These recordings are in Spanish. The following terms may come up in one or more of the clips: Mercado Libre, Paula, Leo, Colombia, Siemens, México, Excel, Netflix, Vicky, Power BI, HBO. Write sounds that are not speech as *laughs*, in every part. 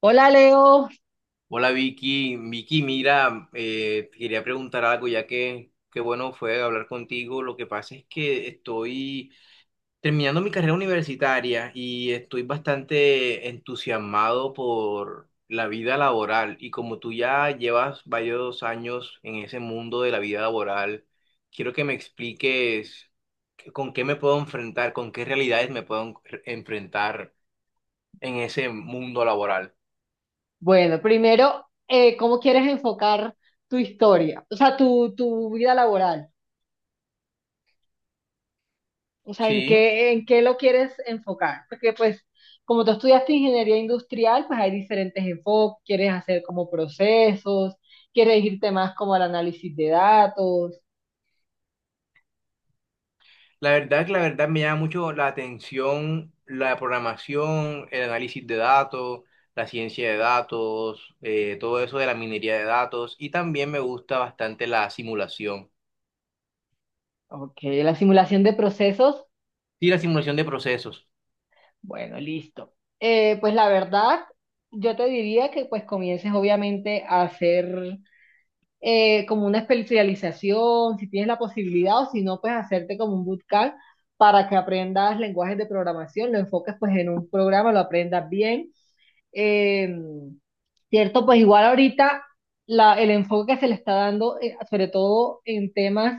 Hola Leo. Hola Vicky, Vicky, mira, te quería preguntar algo ya que qué bueno fue hablar contigo. Lo que pasa es que estoy terminando mi carrera universitaria y estoy bastante entusiasmado por la vida laboral y como tú ya llevas varios años en ese mundo de la vida laboral, quiero que me expliques con qué me puedo enfrentar, con qué realidades me puedo enfrentar en ese mundo laboral. Bueno, primero, ¿cómo quieres enfocar tu historia? O sea, tu vida laboral. O sea, ¿en Sí. qué lo quieres enfocar? Porque pues, como tú estudiaste ingeniería industrial, pues hay diferentes enfoques. Quieres hacer como procesos, quieres irte más como al análisis de datos. La verdad me llama mucho la atención la programación, el análisis de datos, la ciencia de datos, todo eso de la minería de datos y también me gusta bastante la simulación. Ok, la simulación de procesos. Sí, la simulación de procesos. Bueno, listo. Pues la verdad, yo te diría que pues comiences obviamente a hacer como una especialización, si tienes la posibilidad o si no, pues hacerte como un bootcamp para que aprendas lenguajes de programación, lo enfoques pues en un programa, lo aprendas bien. Eh, Cierto, pues igual ahorita el enfoque que se le está dando, sobre todo en temas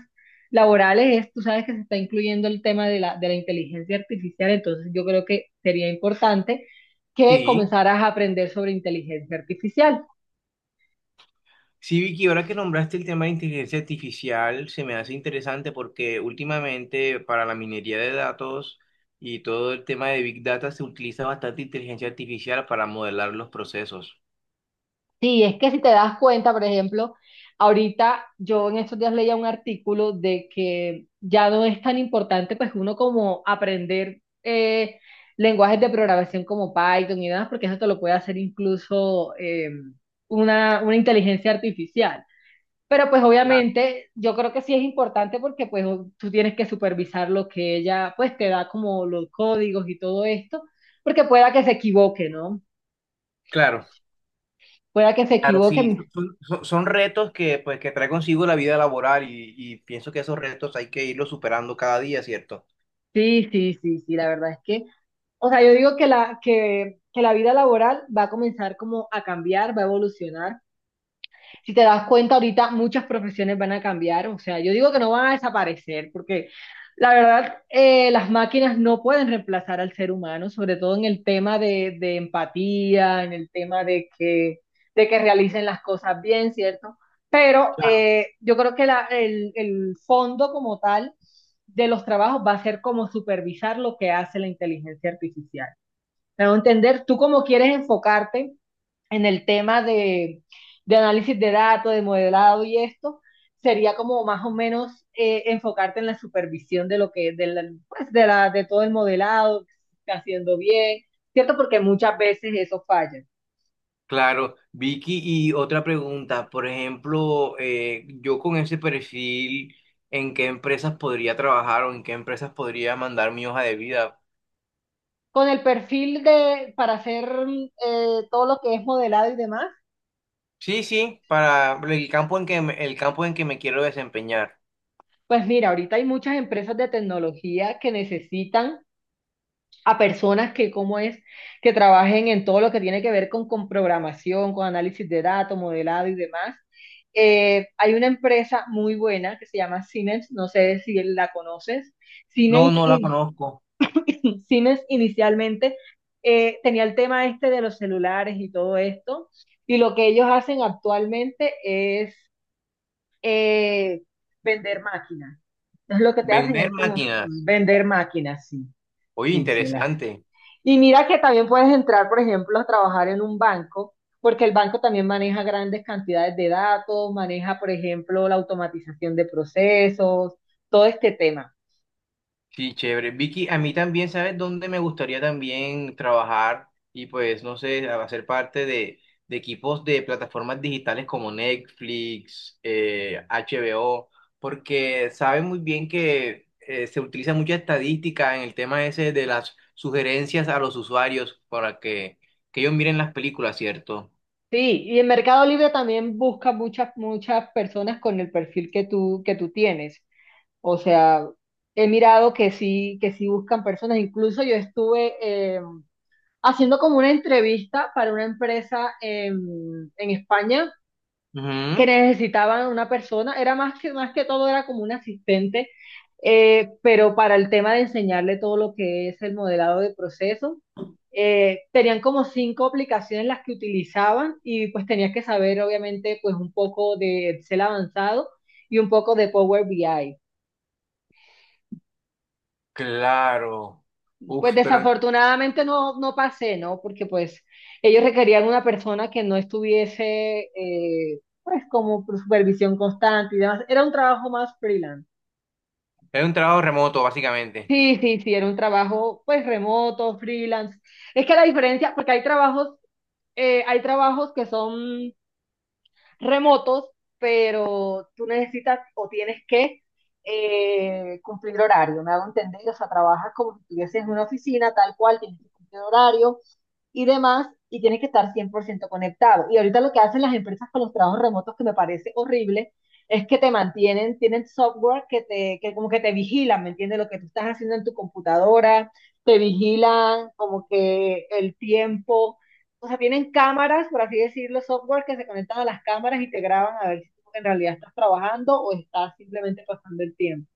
laborales, es, tú sabes que se está incluyendo el tema de la inteligencia artificial, entonces yo creo que sería importante que Sí, comenzaras a aprender sobre inteligencia artificial. sí, Vicky, ahora que nombraste el tema de inteligencia artificial, se me hace interesante porque últimamente para la minería de datos y todo el tema de Big Data se utiliza bastante inteligencia artificial para modelar los procesos. Sí, es que si te das cuenta, por ejemplo, ahorita yo en estos días leía un artículo de que ya no es tan importante pues uno como aprender lenguajes de programación como Python y demás, porque eso te lo puede hacer incluso una inteligencia artificial. Pero pues Claro. obviamente yo creo que sí es importante porque pues tú tienes que supervisar lo que ella pues te da como los códigos y todo esto, porque pueda que se equivoque, ¿no? Claro. Pueda que se Claro, sí, equivoque. Son retos que, pues, que trae consigo la vida laboral y pienso que esos retos hay que irlos superando cada día, ¿cierto? Sí, sí, sí, sí, la verdad es que, o sea, yo digo que la vida laboral va a comenzar como a cambiar, va a evolucionar. Si te das cuenta, ahorita muchas profesiones van a cambiar, o sea, yo digo que no van a desaparecer, porque la verdad, las máquinas no pueden reemplazar al ser humano, sobre todo en el tema de empatía, en el tema de que realicen las cosas bien, ¿cierto? Pero Claro. Yo creo que el fondo como tal de los trabajos va a ser como supervisar lo que hace la inteligencia artificial. Me a entender, tú cómo quieres enfocarte en el tema de análisis de datos, de modelado y esto, sería como más o menos enfocarte en la supervisión de lo que, de, la, pues de, la, de todo el modelado, que se está haciendo bien, ¿cierto? Porque muchas veces eso falla. Claro, Vicky, y otra pregunta, por ejemplo, yo con ese perfil, ¿en qué empresas podría trabajar o en qué empresas podría mandar mi hoja de vida? Con el perfil de, para hacer todo lo que es modelado y demás, Sí, sí, para el campo en que me quiero desempeñar. pues mira, ahorita hay muchas empresas de tecnología que necesitan a personas que, cómo es, que trabajen en todo lo que tiene que ver con programación, con análisis de datos, modelado y demás. Hay una empresa muy buena que se llama Siemens, no sé si la conoces. No, Siemens, no la in- conozco. *laughs* Siemens inicialmente tenía el tema este de los celulares y todo esto, y lo que ellos hacen actualmente es eh, vender máquinas. Entonces lo que te hacen Vender es como *laughs* máquinas. vender máquinas, sí, Oye, sí, sí, interesante. y mira que también puedes entrar, por ejemplo, a trabajar en un banco, porque el banco también maneja grandes cantidades de datos, maneja, por ejemplo, la automatización de procesos, todo este tema. Sí, chévere. Vicky, a mí también, ¿sabes dónde me gustaría también trabajar y pues, no sé, hacer parte de equipos de plataformas digitales como Netflix, HBO, porque saben muy bien que se utiliza mucha estadística en el tema ese de las sugerencias a los usuarios para que ellos miren las películas, ¿cierto? Sí, y en Mercado Libre también busca muchas personas con el perfil que tú tienes. O sea, he mirado que sí buscan personas. Incluso yo estuve haciendo como una entrevista para una empresa en España que Ujú. necesitaban una persona, era más que todo, era como un asistente, pero para el tema de enseñarle todo lo que es el modelado de proceso, tenían como cinco aplicaciones las que utilizaban y pues tenías que saber obviamente pues un poco de Excel avanzado y un poco de Power BI. Claro. Pues Uf, pero desafortunadamente no, no pasé, ¿no? Porque pues ellos requerían una persona que no estuviese pues como por supervisión constante y demás. Era un trabajo más freelance. es un trabajo remoto, básicamente. Sí, sí, sí, era un trabajo pues remoto, freelance. Es que la diferencia, porque hay trabajos que son remotos, pero tú necesitas o tienes que cumplir horario, ¿me hago entender? O sea, trabajas como si estuvieses en una oficina, tal cual, tienes que cumplir horario, y demás, y tienes que estar 100% conectado. Y ahorita lo que hacen las empresas con los trabajos remotos, que me parece horrible, es que te mantienen, tienen software que te, que como que te vigilan, ¿me entiendes? Lo que tú estás haciendo en tu computadora, te vigilan como que el tiempo, o sea, tienen cámaras, por así decirlo, software que se conectan a las cámaras y te graban a ver si tú en realidad estás trabajando o estás simplemente pasando el tiempo.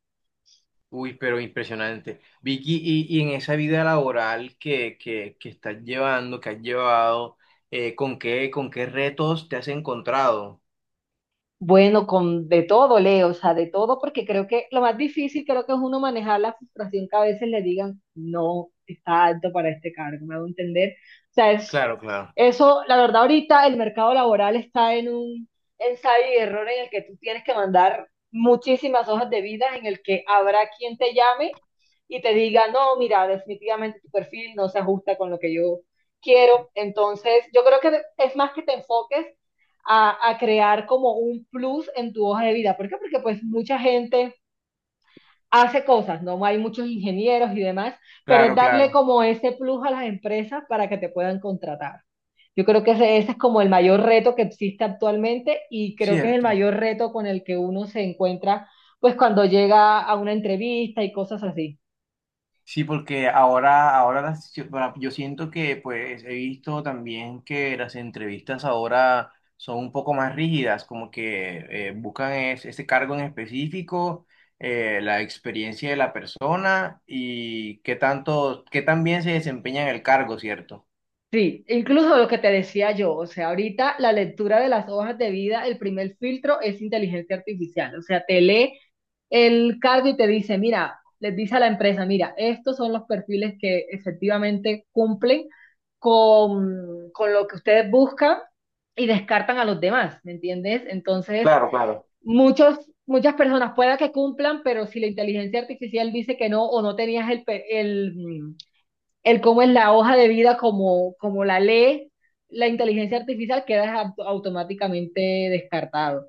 Uy, pero impresionante. Vicky, y en esa vida laboral que estás llevando, que has llevado, con qué retos te has encontrado? Bueno, con de todo, Leo, o sea, de todo, porque creo que lo más difícil creo que es uno manejar la frustración que a veces le digan, no, está alto para este cargo, me hago entender. O sea, es Claro, claro. eso, la verdad, ahorita el mercado laboral está en un ensayo y error en el que tú tienes que mandar muchísimas hojas de vida, en el que habrá quien te llame y te diga, no, mira, definitivamente tu perfil no se ajusta con lo que yo quiero. Entonces, yo creo que es más que te enfoques a crear como un plus en tu hoja de vida. ¿Por qué? Porque pues mucha gente hace cosas, ¿no? Hay muchos ingenieros y demás, pero es Claro, darle claro. como ese plus a las empresas para que te puedan contratar. Yo creo que ese es como el mayor reto que existe actualmente y creo que es el Cierto. mayor reto con el que uno se encuentra pues cuando llega a una entrevista y cosas así. Sí, porque yo, bueno, yo siento que pues he visto también que las entrevistas ahora son un poco más rígidas, como que buscan ese cargo en específico, la experiencia de la persona y qué tanto, qué tan bien se desempeña en el cargo, ¿cierto? Sí, incluso lo que te decía yo, o sea, ahorita la lectura de las hojas de vida, el primer filtro es inteligencia artificial, o sea, te lee el cargo y te dice, mira, les dice a la empresa, mira, estos son los perfiles que efectivamente cumplen con lo que ustedes buscan y descartan a los demás, ¿me entiendes? Entonces, Claro, claro. muchos, muchas personas pueda que cumplan, pero si la inteligencia artificial dice que no o no tenías el, el cómo es la hoja de vida como, como la ley, la inteligencia artificial queda automáticamente descartado.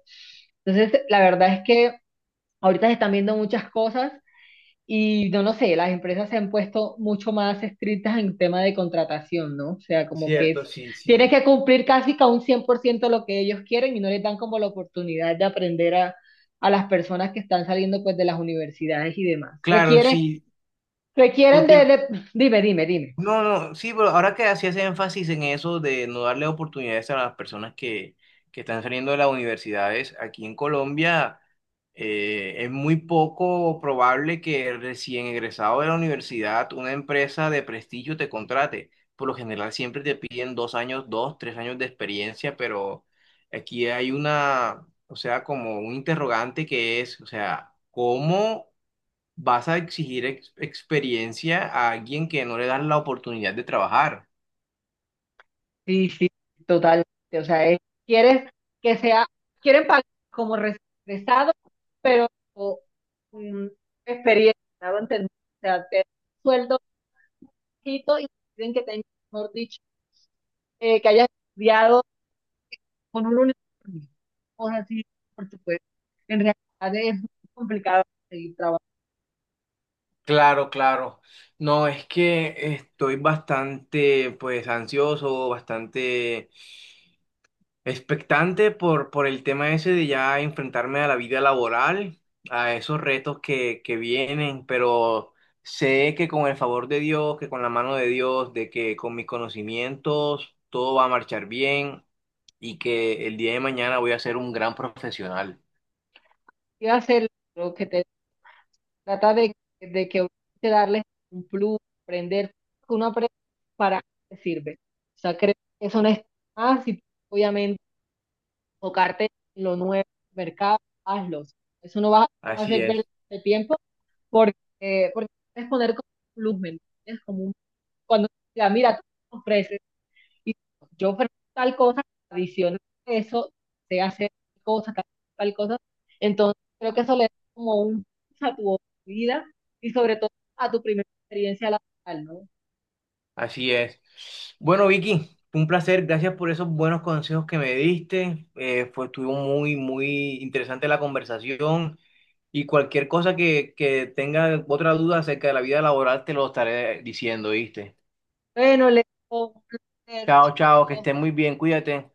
Entonces, la verdad es que ahorita se están viendo muchas cosas y no lo sé, las empresas se han puesto mucho más estrictas en tema de contratación, ¿no? O sea, como que Cierto, es, sí, tienes sí. que cumplir casi que a un 100% lo que ellos quieren y no les dan como la oportunidad de aprender a las personas que están saliendo pues de las universidades y demás. Claro, Requieren, sí, requieren porque de- dime, dime, dime. no, no, sí, pero ahora que hacías énfasis en eso de no darle oportunidades a las personas que están saliendo de las universidades, aquí en Colombia es muy poco probable que recién egresado de la universidad una empresa de prestigio te contrate. Por lo general siempre te piden 2 años, 2, 3 años de experiencia, pero aquí hay una, o sea, como un interrogante que es, o sea, ¿cómo vas a exigir experiencia a alguien que no le das la oportunidad de trabajar? Sí, sí, totalmente. O sea, es- quieres que sea, quieren pagar como regresado, pero mm, experiencia, ¿no? Entender, O sea, te- sueldo poquito y quieren que tengas, mejor dicho, que hayas estudiado con un uniforme, cosas así, por supuesto. En realidad es muy complicado seguir trabajando. Claro, claro. No, es que estoy bastante, pues, ansioso, bastante expectante por el tema ese de ya enfrentarme a la vida laboral, a esos retos que vienen, pero sé que con el favor de Dios, que con la mano de Dios, de que con mis conocimientos todo va a marchar bien y que el día de mañana voy a ser un gran profesional. Y hacer lo que te trata de que uno te darles un plus, aprender, que uno aprende para qué sirve. O sea, creo que eso no es más y obviamente tocarte en lo nuevo, mercado, hazlo. Eso no va a Así hacer perder es, el tiempo porque, porque puedes poner como un plus, ¿me entiendes? Como un cuando diga, mira, tú ofreces, y yo ofrezco tal cosa, adicional a eso, se hace tal cosa, tal, tal cosa. Entonces, creo que eso le da como un plus a tu vida y sobre todo a tu primera experiencia laboral, ¿no? así es. Bueno, Vicky, fue un placer. Gracias por esos buenos consejos que me diste. Estuvo muy, muy interesante la conversación. Y cualquier cosa que tenga otra duda acerca de la vida laboral, te lo estaré diciendo, ¿viste? Bueno, le digo, un placer, Chao, chao, que chao. estés muy bien, cuídate.